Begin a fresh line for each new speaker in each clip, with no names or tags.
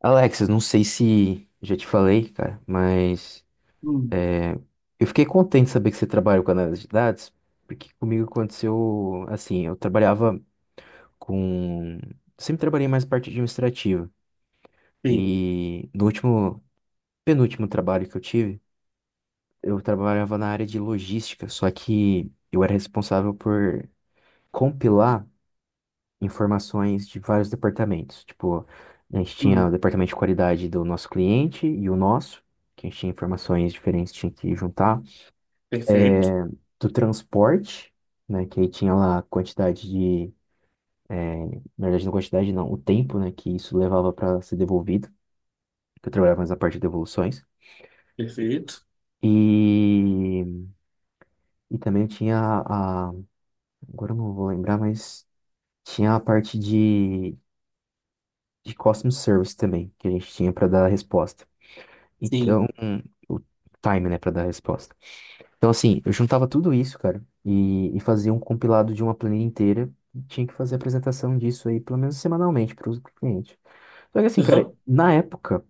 Alexis, não sei se já te falei, cara, mas
Hum,
eu fiquei contente de saber que você trabalha com análise de dados, porque comigo aconteceu assim. Eu trabalhava com, sempre trabalhei mais na parte administrativa
sim.
e no último, penúltimo trabalho que eu tive, eu trabalhava na área de logística, só que eu era responsável por compilar informações de vários departamentos. Tipo, a gente tinha o
Hum,
departamento de qualidade do nosso cliente e o nosso, que a gente tinha informações diferentes, tinha que juntar.
perfeito.
É, do transporte, né, que aí tinha lá a quantidade de, na verdade não quantidade não, o tempo, né, que isso levava para ser devolvido, que eu trabalhava mais na parte de devoluções.
Perfeito.
E, e também tinha a, agora eu não vou lembrar, mas tinha a parte de customer service também, que a gente tinha para dar a resposta.
Sim.
Então, o time, né, pra dar a resposta. Então, assim, eu juntava tudo isso, cara, e fazia um compilado de uma planilha inteira. E tinha que fazer a apresentação disso aí, pelo menos semanalmente, para o cliente. Só que, assim, cara,
Aham.
na época,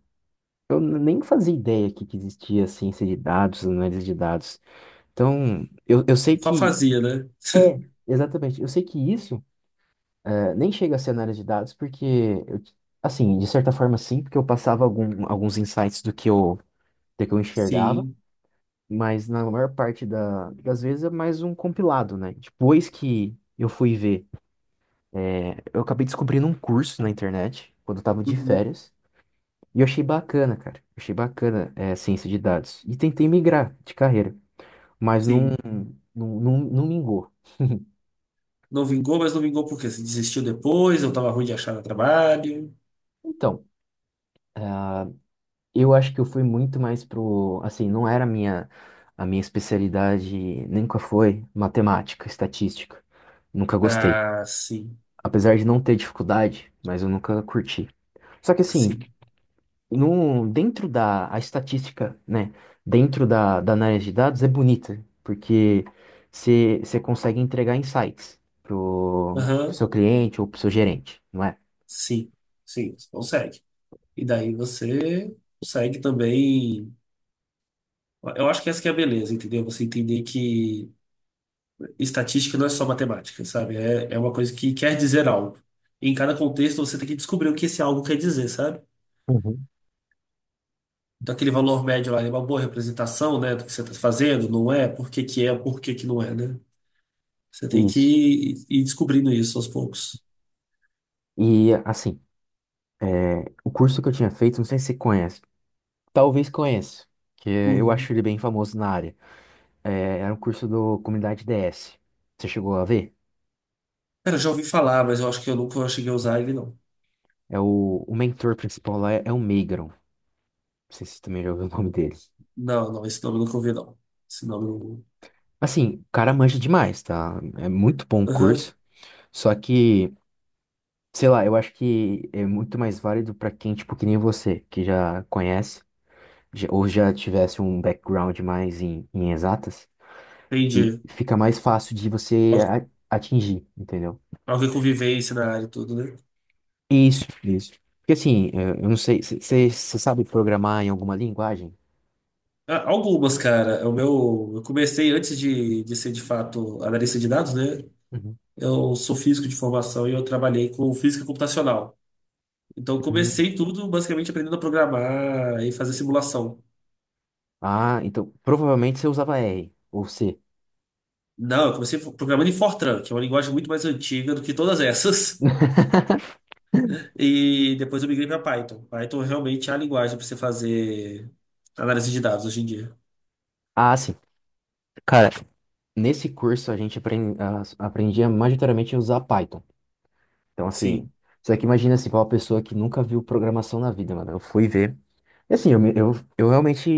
eu nem fazia ideia que existia ciência de dados, análise de dados. Então, eu sei
Só
que.
fazia, né?
É, exatamente. Eu sei que isso nem chega a ser análise de dados, porque, eu, assim, de certa forma, sim, porque eu passava algum, alguns insights do que eu enxergava.
Sim.
Mas na maior parte das vezes é mais um compilado, né? Depois que eu fui ver, é, eu acabei descobrindo um curso na internet, quando eu tava de
Uhum.
férias, e eu achei bacana, cara. Eu achei bacana, é, ciência de dados. E tentei migrar de carreira, mas não,
Sim.
não mingou.
Não vingou, mas não vingou porque quê? Desistiu depois, eu tava ruim de achar trabalho.
Então, eu acho que eu fui muito mais pro, assim, não era a minha especialidade, nunca foi matemática, estatística. Nunca gostei.
Ah, sim.
Apesar de não ter dificuldade, mas eu nunca curti. Só que assim,
Sim.
no, dentro da a estatística, né? Dentro da, da análise de dados é bonita, porque você consegue entregar insights pro, pro
Aham.
seu cliente ou pro seu gerente, não é?
Sim. Sim, você consegue. E daí você consegue também. Eu acho que essa que é a beleza, entendeu? Você entender que estatística não é só matemática, sabe? É, é uma coisa que quer dizer algo. Em cada contexto você tem que descobrir o que esse algo quer dizer, sabe?
Uhum.
Então, aquele valor médio lá ele é uma boa representação, né, do que você está fazendo, não é? Por que que é, por que que não é, né? Você tem que
Isso.
ir descobrindo isso aos poucos.
E assim, o curso que eu tinha feito, não sei se você conhece, talvez conheça, que eu
Uhum.
acho ele bem famoso na área. É, era um curso do Comunidade DS. Você chegou a ver?
Cara, eu já ouvi falar, mas eu acho que eu nunca cheguei a usar ele, não.
É o mentor principal lá é, é o Meigron. Não sei se você também já ouviu o nome dele.
Não, não, esse nome eu nunca ouvi, não. Esse nome eu
Assim, o cara manja demais, tá? É muito bom o
não... Aham,
curso. Só que, sei lá, eu acho que é muito mais válido pra quem, tipo, que nem você, que já conhece, ou já tivesse um background mais em, em exatas, e
entendi.
fica mais fácil de você
Al-
atingir, entendeu?
Alguém com vivência na área e tudo, né?
Isso, isso. Porque assim, eu não sei, você sabe programar em alguma linguagem?
Ah, algumas, cara. É o meu... Eu comecei antes de ser, de fato, analista de dados, né?
Uhum.
Eu sou físico de formação e eu trabalhei com física computacional. Então, eu
Hum.
comecei tudo basicamente aprendendo a programar e fazer simulação.
Ah, então provavelmente você usava R ou C.
Não, eu comecei programando em Fortran, que é uma linguagem muito mais antiga do que todas essas. E depois eu migrei para Python. Python realmente é a linguagem para você fazer análise de dados hoje em dia.
Ah, sim. Nesse curso a gente aprendia majoritariamente a usar Python. Então, assim,
Sim,
só que imagina assim, pra uma pessoa que nunca viu programação na vida, mano. Eu fui ver. E assim, eu, eu realmente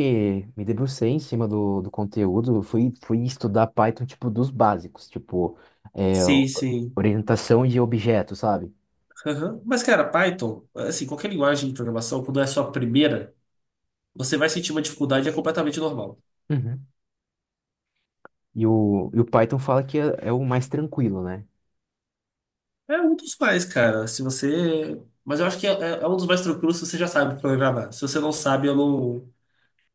me debrucei em cima do, do conteúdo. Eu fui, fui estudar Python, tipo, dos básicos, tipo, é,
sim, sim.
orientação de objetos, sabe?
Aham. Mas, cara, Python, assim, qualquer linguagem de programação, quando é a sua primeira, você vai sentir uma dificuldade, é completamente normal.
Uhum. E o Python fala que é, é o mais tranquilo, né?
É um dos mais, cara. Se você. Mas eu acho que é, é um dos mais tranquilos se você já sabe programar. Se você não sabe, eu não.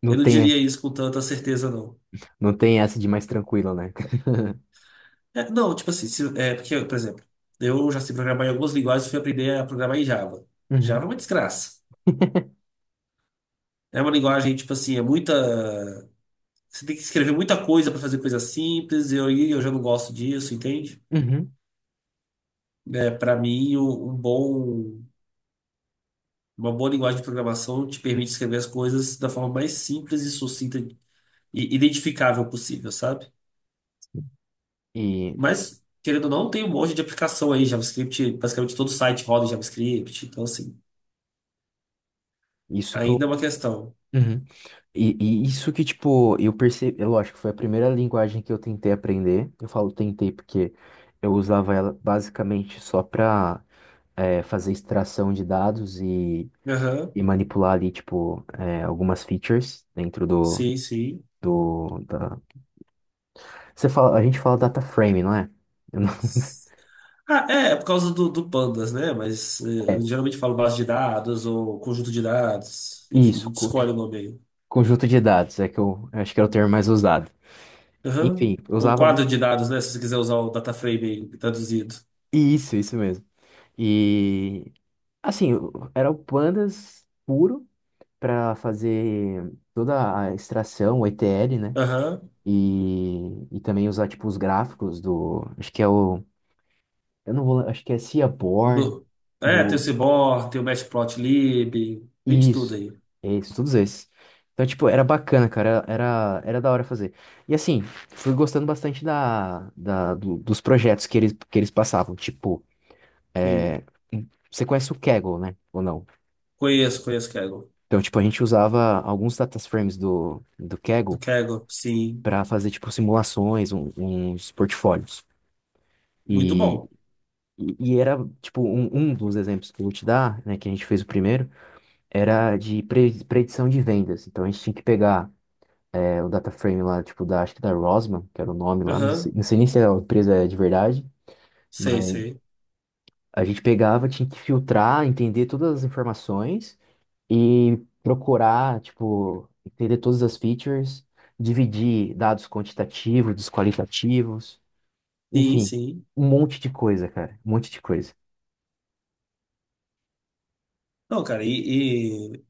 Não
Eu não
tem,
diria isso com tanta certeza, não.
não tem essa de mais tranquilo, né?
É, não, tipo assim, se- é, porque, por exemplo, eu já sei programar em algumas linguagens e fui aprender a programar em Java. Java
Uhum.
é uma desgraça. É uma linguagem, tipo assim, é muita. Você tem que escrever muita coisa para fazer coisa simples, e eu já não gosto disso, entende?
Uhum.
É, para mim, um bom, uma boa linguagem de programação te permite escrever as coisas da forma mais simples e sucinta e identificável possível, sabe?
E
Mas, querendo ou não, tem um monte de aplicação aí. JavaScript, basicamente todo site roda em JavaScript. Então, assim,
isso que eu.
ainda é uma questão.
Uhum. E isso que, tipo, eu percebi, é lógico, foi a primeira linguagem que eu tentei aprender. Eu falo tentei porque eu usava ela basicamente só pra fazer extração de dados
Aham,
e manipular ali, tipo, algumas features dentro do,
sim, sim.
do, da... Você fala, a gente fala data frame, não é? Eu não-
Ah, é, é por causa do Pandas, né? Mas eu
É,
geralmente falo base de dados ou conjunto de dados. Enfim, a
isso,
gente escolhe o nome aí.
conjunto de dados, é que eu acho que era o termo mais usado.
Aham.
Enfim, eu
Ou
usava
quadro
muito.
de dados, né? Se você quiser usar o DataFrame aí, traduzido.
Isso mesmo. E assim, era o pandas puro para fazer toda a extração, o ETL, né?
Aham.
E também usar tipo os gráficos do, acho que é o, eu não vou, acho que é Seaborn
Do... É, tem o
do
seaborn tem o Matplotlib, tem de tudo
isso,
aí.
isso, todos esses. Então, tipo, era bacana, cara, era, era da hora fazer. E assim, fui gostando bastante da, da, dos projetos que eles passavam. Tipo,
Sim.
você conhece o Kaggle, né? Ou não?
Conheço, conheço o Kaggle.
Então, tipo, a gente usava alguns data frames do, do
O
Kaggle
Kaggle, sim.
para fazer, tipo, simulações, uns portfólios.
Muito
E,
bom.
e era, tipo, um dos exemplos que eu vou te dar, né, que a gente fez o primeiro, era de predição de vendas. Então, a gente tinha que pegar é, o data frame lá, tipo, da, acho que da Rosman, que era o nome lá, não sei,
Aham.
não sei nem se a empresa é de verdade,
Sei,
mas
sei.
a gente pegava, tinha que filtrar, entender todas as informações e procurar, tipo, entender todas as features, dividir dados quantitativos dos qualitativos,
Sim,
enfim,
sim.
um monte de coisa, cara. Um monte de coisa.
Não, cara, e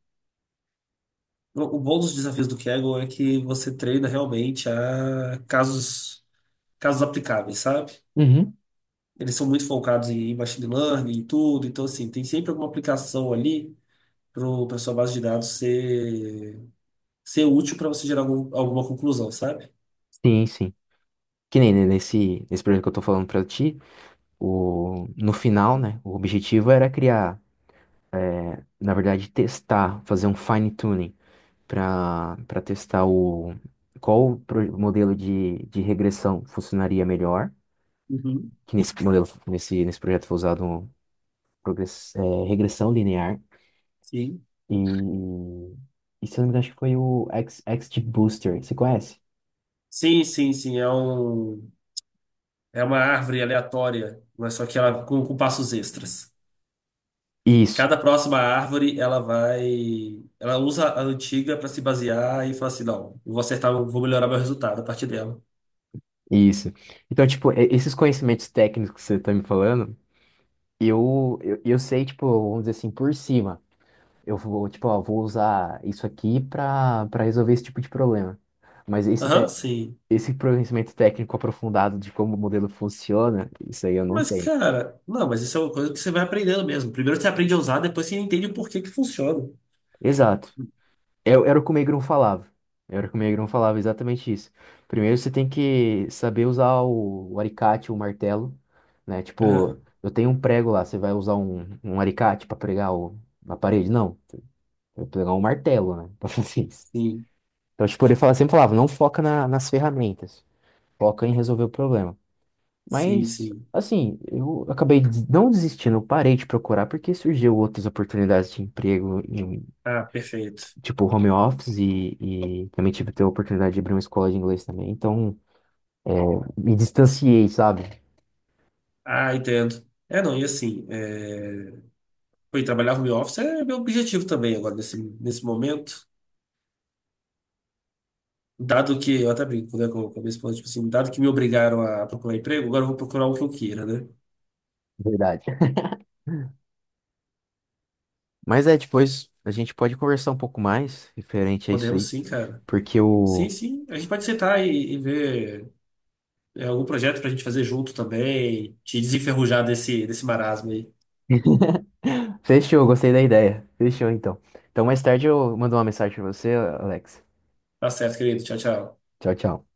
o bom dos desafios do Kaggle é que você treina realmente a casos, casos aplicáveis, sabe?
Uhum.
Eles são muito focados em machine learning e tudo, então, assim, tem sempre alguma aplicação ali para sua base de dados ser, ser útil para você gerar algum- alguma conclusão, sabe?
Sim, sim. Que nem nesse, nesse projeto que eu tô falando pra ti, o, no final, né? O objetivo era criar, na verdade, testar, fazer um fine tuning pra para testar o qual o modelo de regressão funcionaria melhor,
Uhum.
que nesse modelo, nesse, nesse projeto foi usado um progress, é, regressão linear
Sim.
e, e se eu não me engano, acho que foi o X, XGBooster, você conhece?
Sim, sim, sim. É um. É uma árvore aleatória, mas só que ela com passos extras.
Isso.
Cada próxima árvore, ela vai. Ela usa a antiga para se basear e fala assim: não, eu vou acertar, eu vou melhorar meu resultado a partir dela.
Isso. Então, tipo, esses conhecimentos técnicos que você tá me falando, eu sei, tipo, vamos dizer assim, por cima. Eu vou, tipo, ó, vou usar isso aqui pra, para resolver esse tipo de problema. Mas esse,
Aham, sim.
esse conhecimento técnico aprofundado de como o modelo funciona, isso aí eu não
Mas,
tenho.
cara, não, mas isso é uma coisa que você vai aprendendo mesmo. Primeiro você aprende a usar, depois você entende o porquê que funciona.
Exato. Era era o que o Megrão falava. Era o que o Megrão falava, exatamente isso. Primeiro você tem que saber usar o alicate, o martelo, né?
Aham,
Tipo, eu tenho um prego lá, você vai usar um, um alicate pra pregar o, na parede? Não, eu vou pegar um martelo, né? Pra fazer isso.
sim,
Então, tipo, ele fala, sempre falava, não foca nas ferramentas, foca em resolver o problema.
sim,
Mas,
sim.
assim, eu acabei des- não desistindo, eu parei de procurar porque surgiu outras oportunidades de emprego
Ah, perfeito.
tipo, home office e também tive ter a oportunidade de abrir uma escola de inglês também. Então, me distanciei, sabe?
Ah, entendo. É, não, e assim, é... Pô, e trabalhar home office é meu objetivo também agora, nesse, nesse momento. Dado que, eu até brinco, né, com a minha esposa, tipo assim, dado que me obrigaram a procurar emprego, agora eu vou procurar o que eu queira, né?
Verdade. Mas é, depois a gente pode conversar um pouco mais referente a isso
Podemos
aí,
sim, cara.
porque
Sim,
o.
sim. A gente pode sentar e ver é, algum projeto pra gente fazer junto também, te desenferrujar desse, desse marasmo aí.
Fechou, gostei da ideia. Fechou, então. Então, mais tarde eu mando uma mensagem pra você, Alex.
Tá certo, querido. Tchau, tchau.
Tchau, tchau.